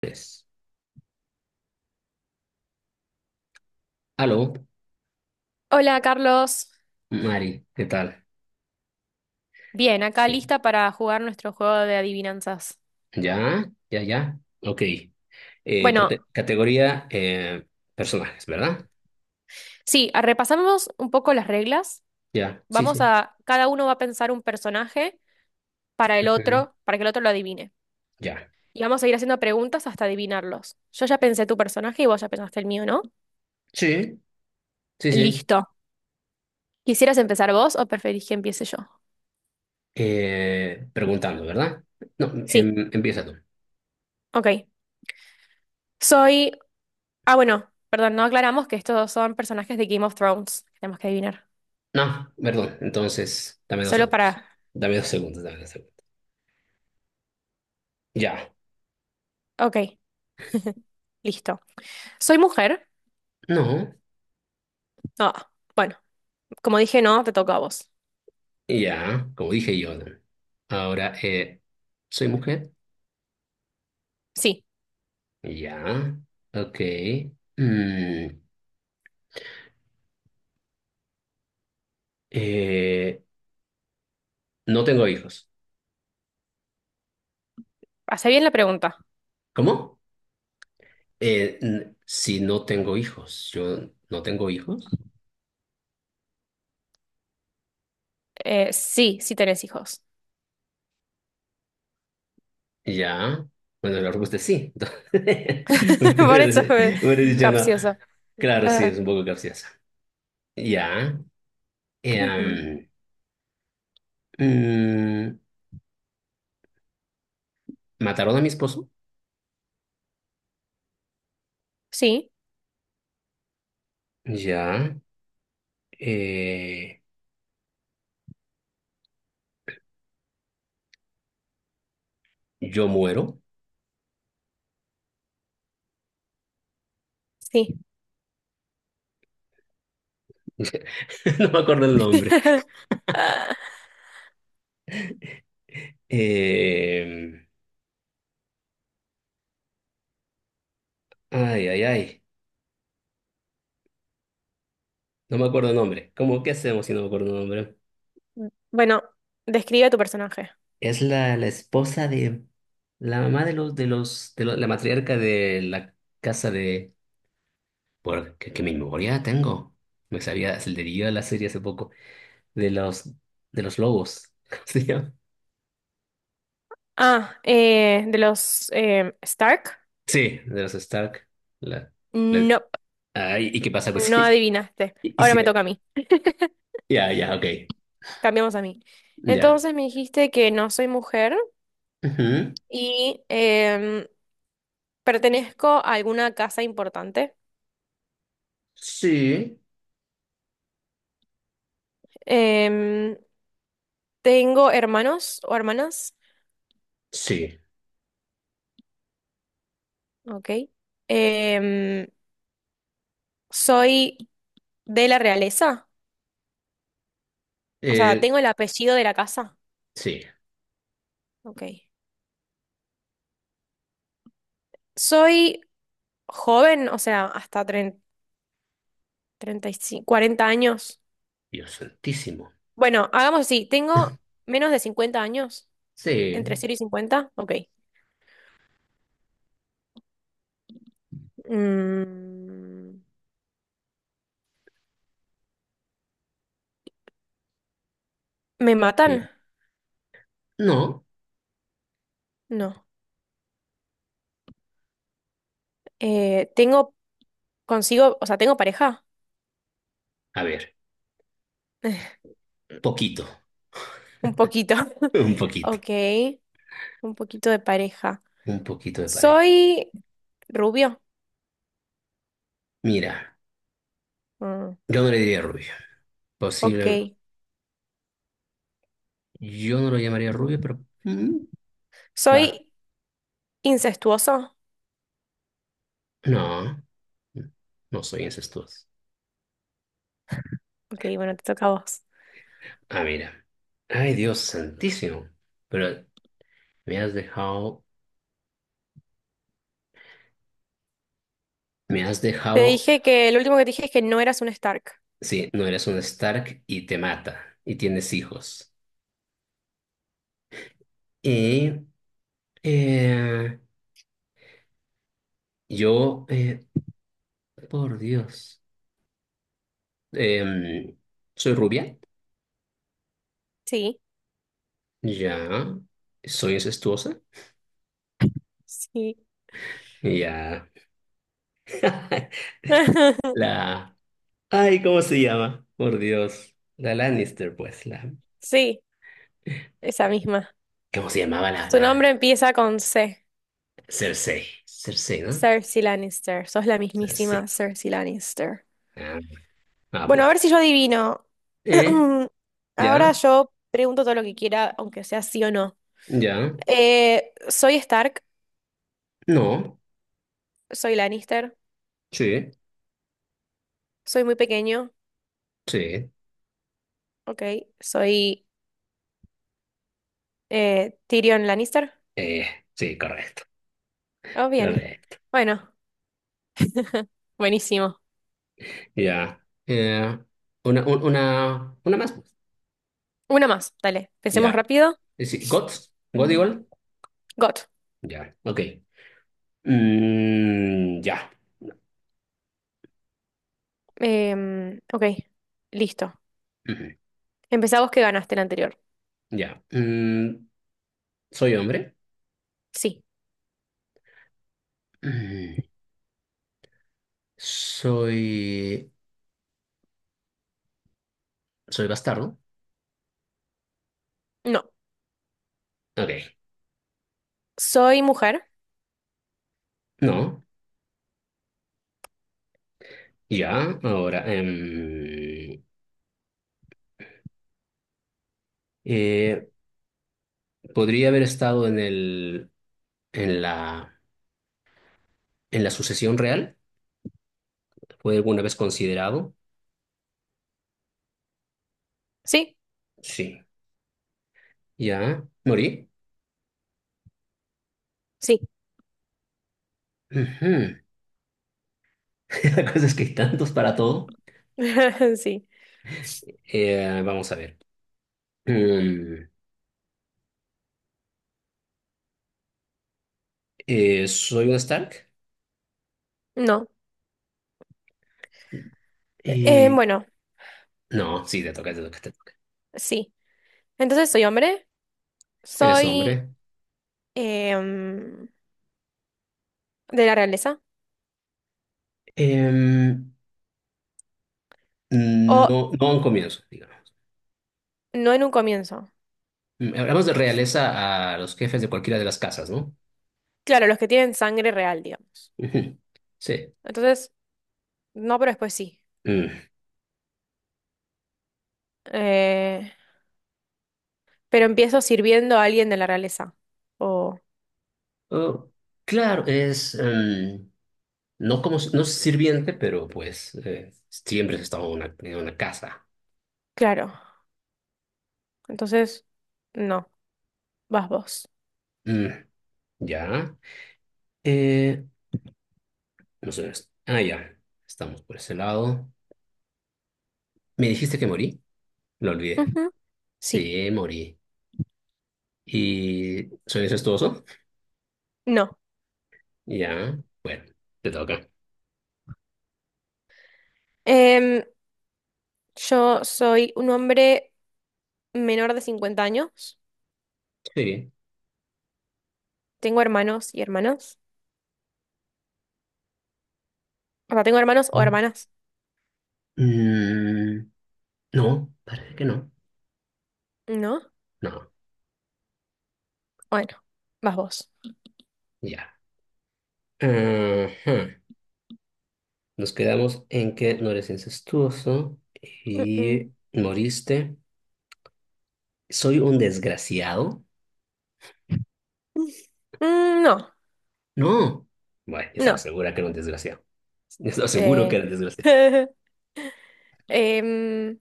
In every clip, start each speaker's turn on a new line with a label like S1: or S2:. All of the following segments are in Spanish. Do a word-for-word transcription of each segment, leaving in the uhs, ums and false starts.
S1: Pues, aló,
S2: Hola Carlos,
S1: Mari, ¿qué tal?
S2: bien, acá lista para jugar nuestro juego de adivinanzas.
S1: Ya, ya, ya. Ok. Eh,
S2: Bueno,
S1: cate- categoría, eh, personajes, ¿verdad?
S2: sí, a- repasamos un poco las reglas.
S1: Ya, sí,
S2: Vamos
S1: sí.
S2: a, cada uno va a pensar un personaje para el
S1: Ujú.
S2: otro, para que el otro lo adivine.
S1: Ya.
S2: Y vamos a ir haciendo preguntas hasta adivinarlos. Yo ya pensé tu personaje y vos ya pensaste el mío, ¿no?
S1: Sí, sí, sí.
S2: Listo. ¿Quisieras empezar vos o preferís que empiece yo?
S1: Eh, preguntando, ¿verdad? No,
S2: Sí,
S1: em, empieza tú.
S2: ok. Soy... Ah, bueno, perdón, no aclaramos que estos son personajes de Game of Thrones que tenemos que adivinar.
S1: No, perdón. Entonces, dame dos
S2: Solo
S1: segundos.
S2: para...
S1: Dame dos segundos, dame dos segundos. Ya.
S2: Ok, listo. Soy mujer.
S1: No,
S2: Ah, bueno, como dije, no, te toca a vos.
S1: ya, como dije yo. ¿No? Ahora, eh, ¿soy mujer?
S2: Sí,
S1: Ya. Ok. Mm. Eh, no tengo hijos.
S2: hace bien la pregunta.
S1: ¿Cómo? Eh, n- si no tengo hijos, yo no tengo hijos.
S2: Eh, sí, sí tenés hijos.
S1: Ya, bueno, la respuesta es sí. Entonces,
S2: Por eso fue
S1: hubiera dicho no.
S2: capciosa.
S1: Claro, sí,
S2: Eh,
S1: es un poco capciosa. Ya.
S2: ujú.
S1: eh, mm, ¿Mataron a mi esposo?
S2: Sí,
S1: Ya. eh, yo muero.
S2: sí.
S1: No me acuerdo el nombre. Eh, Ay, ay, ay. No me acuerdo el nombre. ¿Cómo qué hacemos si no me acuerdo el nombre?
S2: Bueno, describe a tu personaje.
S1: Es la, la esposa de la mamá de los de los de lo- la matriarca de la casa de, por qué, qué memoria tengo. Me sabía, se le dio a la serie hace poco, de los, de los lobos. ¿Cómo se llama?
S2: Ah, eh, de los eh, Stark.
S1: Sí, de los Stark. La, la-
S2: No,
S1: ah, ¿y y qué pasa pues
S2: no
S1: sí?
S2: adivinaste.
S1: Y, y
S2: Ahora
S1: sí,
S2: me toca a mí.
S1: ya, ya, ok.
S2: Cambiamos a mí.
S1: Ya.
S2: Entonces me dijiste que no soy mujer
S1: Ujú.
S2: y em, pertenezco a alguna casa importante.
S1: Sí,
S2: Em, Tengo hermanos o hermanas,
S1: sí.
S2: ok. Em, soy de la realeza, o sea,
S1: Eh,
S2: tengo el apellido de la casa,
S1: sí.
S2: ok. Soy joven, o sea, hasta treinta, treinta y cinco, cuarenta años.
S1: Dios santísimo.
S2: Bueno, hagamos así, tengo menos de cincuenta años, entre
S1: Sí.
S2: cero y cincuenta, ok. Mm, ¿me
S1: Sí.
S2: matan?
S1: No.
S2: No. Eh, tengo consigo, o sea, tengo pareja,
S1: A ver, poquito.
S2: un poquito,
S1: Un poquito.
S2: ok, un poquito de pareja.
S1: Un poquito de pareja.
S2: Soy rubio.
S1: Mira,
S2: Mm,
S1: yo no le diría rubio. Posible.
S2: ok.
S1: Yo no lo llamaría rubio, pero. mm, Va.
S2: Soy incestuoso.
S1: No. No soy incestuoso.
S2: Ok, bueno, te toca a vos.
S1: Ah, mira. Ay, Dios santísimo. Pero me has dejado. Me has
S2: Te
S1: dejado.
S2: dije que el último que te dije es que no eras un Stark.
S1: Sí, no eres un Stark y te mata. Y tienes hijos. Y. eh, yo. Eh, por Dios. Em, Soy rubia.
S2: Sí,
S1: Ya. Soy incestuosa.
S2: sí.
S1: Ya. La... Ay, ¿cómo se llama? Por Dios. La Lannister, pues. La...
S2: Sí, esa misma.
S1: ¿Cómo se llamaba la,
S2: Su
S1: la...
S2: nombre empieza con C.
S1: ¿Cersei? Cersei, ¿no?
S2: Cersei Lannister. Sos la
S1: Cersei.
S2: mismísima Cersei Lannister.
S1: Ah, ah,
S2: Bueno, a ver
S1: pues.
S2: si yo adivino.
S1: ¿Eh?
S2: Ahora
S1: ¿Ya?
S2: yo pregunto todo lo que quiera, aunque sea sí o no.
S1: ¿Ya?
S2: Eh, soy Stark,
S1: No.
S2: soy Lannister,
S1: Sí.
S2: soy muy pequeño.
S1: Sí.
S2: Ok, soy eh, Tyrion Lannister.
S1: Eh, sí, correcto.
S2: Oh, bien.
S1: Correcto.
S2: Bueno, buenísimo.
S1: Ya. Eh, una, un- una, una más. Pues.
S2: Una más, dale. Pensemos
S1: Ya.
S2: rápido.
S1: Eh, Sí. ¿Gods? ¿God
S2: Mm,
S1: igual?
S2: Got.
S1: Ya. Ok. Mm, ya.
S2: Em, ok, listo.
S1: Ujú,
S2: Empezá vos que ganaste el anterior.
S1: ya. Mm, ¿soy hombre?
S2: Sí.
S1: Mm. Soy. Soy bastardo.
S2: No.
S1: Ok.
S2: Soy mujer.
S1: No. Ya. Ahora. em, eh, ¿Podría haber estado en el. En la. En la sucesión real? ¿Fue alguna vez considerado?
S2: Sí.
S1: Sí. Ya. ¿Morí?
S2: Sí.
S1: Ujú. La cosa es que hay tantos para todo.
S2: Sí.
S1: Eh, vamos a ver. Mm, eh, ¿Soy un Stark?
S2: No. Eh,
S1: Eh,
S2: bueno,
S1: no, sí, te toca, te toca, te toca.
S2: sí. Entonces soy hombre.
S1: Eres
S2: Soy
S1: hombre.
S2: em, de la realeza.
S1: Em,
S2: O
S1: no, no a un comienzo, digamos.
S2: no en un comienzo.
S1: Mm, hablamos de realeza a los jefes de cualquiera de las casas, ¿no?
S2: Claro, los que tienen sangre real, digamos.
S1: Ujú. Sí.
S2: Entonces, no, pero después sí.
S1: Mm.
S2: Eh, pero empiezo sirviendo a alguien de la realeza. O,
S1: Oh, claro, es em, no como no sirviente, pero pues eh, siempre has estado en una, en una casa.
S2: claro. Entonces, no, vas vos.
S1: Mm, ya. Eh, no sé. es- Ah, ya. Estamos por ese lado. ¿Me dijiste que morí? Lo olvidé.
S2: Ujú. Sí,
S1: Sí, morí. ¿Y soy incestuoso?
S2: no.
S1: Ya. Bueno, te toca.
S2: Em, yo soy un hombre menor de cincuenta años.
S1: Sí.
S2: Tengo hermanos y hermanas. O sea, tengo hermanos o
S1: Mm.
S2: hermanas.
S1: Mm, no, parece que no.
S2: ¿No?
S1: No.
S2: Bueno, vas vos.
S1: Ya. Ajá. Nos quedamos en que no eres incestuoso y
S2: Mm,
S1: moriste. ¿Soy un desgraciado?
S2: mm. Mm, no,
S1: No. Bueno, estaba
S2: no.
S1: segura que era un desgraciado. Estaba seguro que era
S2: Eh,
S1: un desgraciado.
S2: em,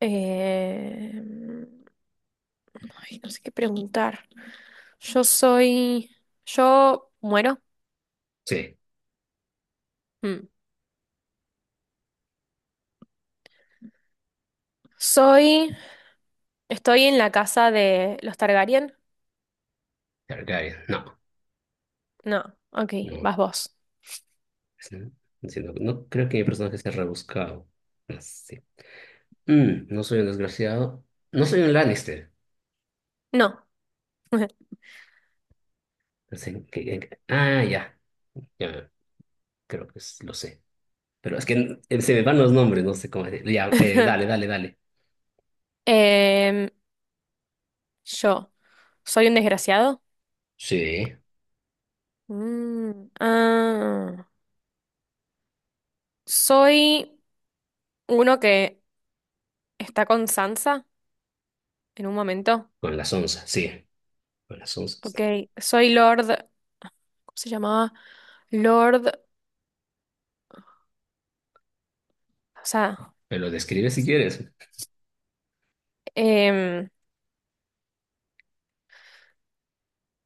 S2: Eh, ay, no sé qué preguntar. Yo soy. Yo muero.
S1: Sí,
S2: Mm. Soy. Estoy en la casa de los Targaryen.
S1: Targaryen. No,
S2: No, ok,
S1: no.
S2: vas vos.
S1: Sí, no, no creo que mi personaje sea rebuscado. Así. Mm, no soy un desgraciado. No soy un Lannister.
S2: No.
S1: Así que- ah, ya. Ya, creo que es- lo sé. Pero es que eh, se me van los nombres, no sé cómo decir. Ya, eh, dale, dale, dale.
S2: Em, yo. ¿Soy un desgraciado?
S1: Sí,
S2: Mm, ah. Soy uno que está con Sansa en un momento.
S1: con las onzas, sí, con las
S2: Ok,
S1: onzas.
S2: soy Lord. ¿Cómo se llamaba? Lord. O sea,
S1: Me lo describes si quieres.
S2: em,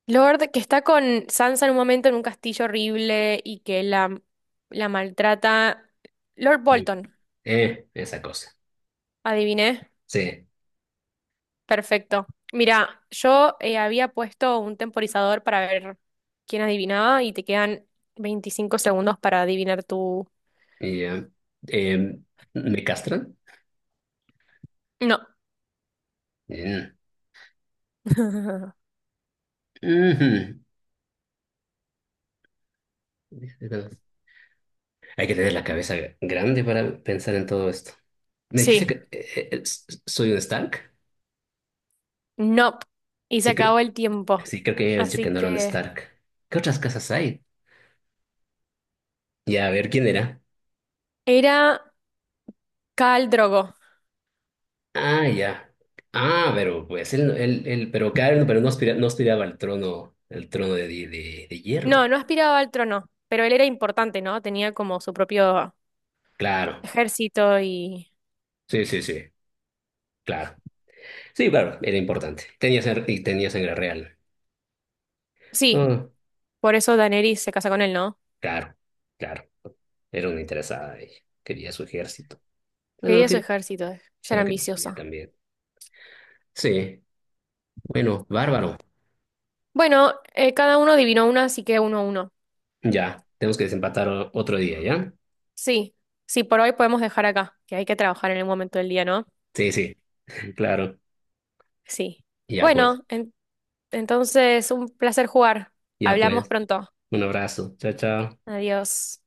S2: Lord que está con Sansa en un momento en un castillo horrible y que la, la maltrata. Lord
S1: Mm.
S2: Bolton,
S1: Eh, esa cosa.
S2: adiviné.
S1: Sí.
S2: Perfecto. Mira, yo eh, había puesto un temporizador para ver quién adivinaba y te quedan veinticinco segundos para adivinar tu...
S1: Y, eh, eh, ¿me castran?
S2: No.
S1: Mm. Ujú. Hay que tener la cabeza grande para pensar en todo esto. ¿Me dijiste
S2: Sí,
S1: que eh, eh, s- soy un Stark?
S2: no. Y se
S1: Sí, creo,
S2: acabó el tiempo.
S1: sí, creo que ya habías dicho que
S2: Así
S1: no era un
S2: que
S1: Stark. ¿Qué otras casas hay? Ya, a ver, ¿quién era?
S2: era Khal Drogo.
S1: Ah, ya. Ah, pero pues él, él, él- pero claro, pero no aspira- no aspiraba al trono, el trono de, de, de- de
S2: No,
S1: hierro.
S2: no aspiraba al trono, pero él era importante, ¿no? Tenía como su propio
S1: Claro.
S2: ejército y...
S1: Sí, sí, sí. Claro. Sí, claro, era importante. Tenía sangre, y tenía sangre real.
S2: Sí,
S1: Ah,
S2: por eso Daenerys se casa con él, ¿no?
S1: claro, claro. Era una interesada ella. Quería su ejército. Bueno, lo
S2: Quería su
S1: quería.
S2: ejército, eh, ya
S1: Era
S2: era
S1: lo que quería
S2: ambiciosa.
S1: también. Sí. Bueno, bárbaro.
S2: Bueno, eh, cada uno adivinó una, así que uno a uno.
S1: Ya. Tenemos que desempatar o- otro día, ¿ya?
S2: Sí, sí, por hoy podemos dejar acá, que hay que trabajar en el momento del día, ¿no?
S1: Sí, sí. Claro.
S2: Sí.
S1: Ya pues.
S2: Bueno, en- entonces un placer jugar.
S1: Ya
S2: Hablamos
S1: pues.
S2: pronto.
S1: Un abrazo. Chao, chao.
S2: Adiós.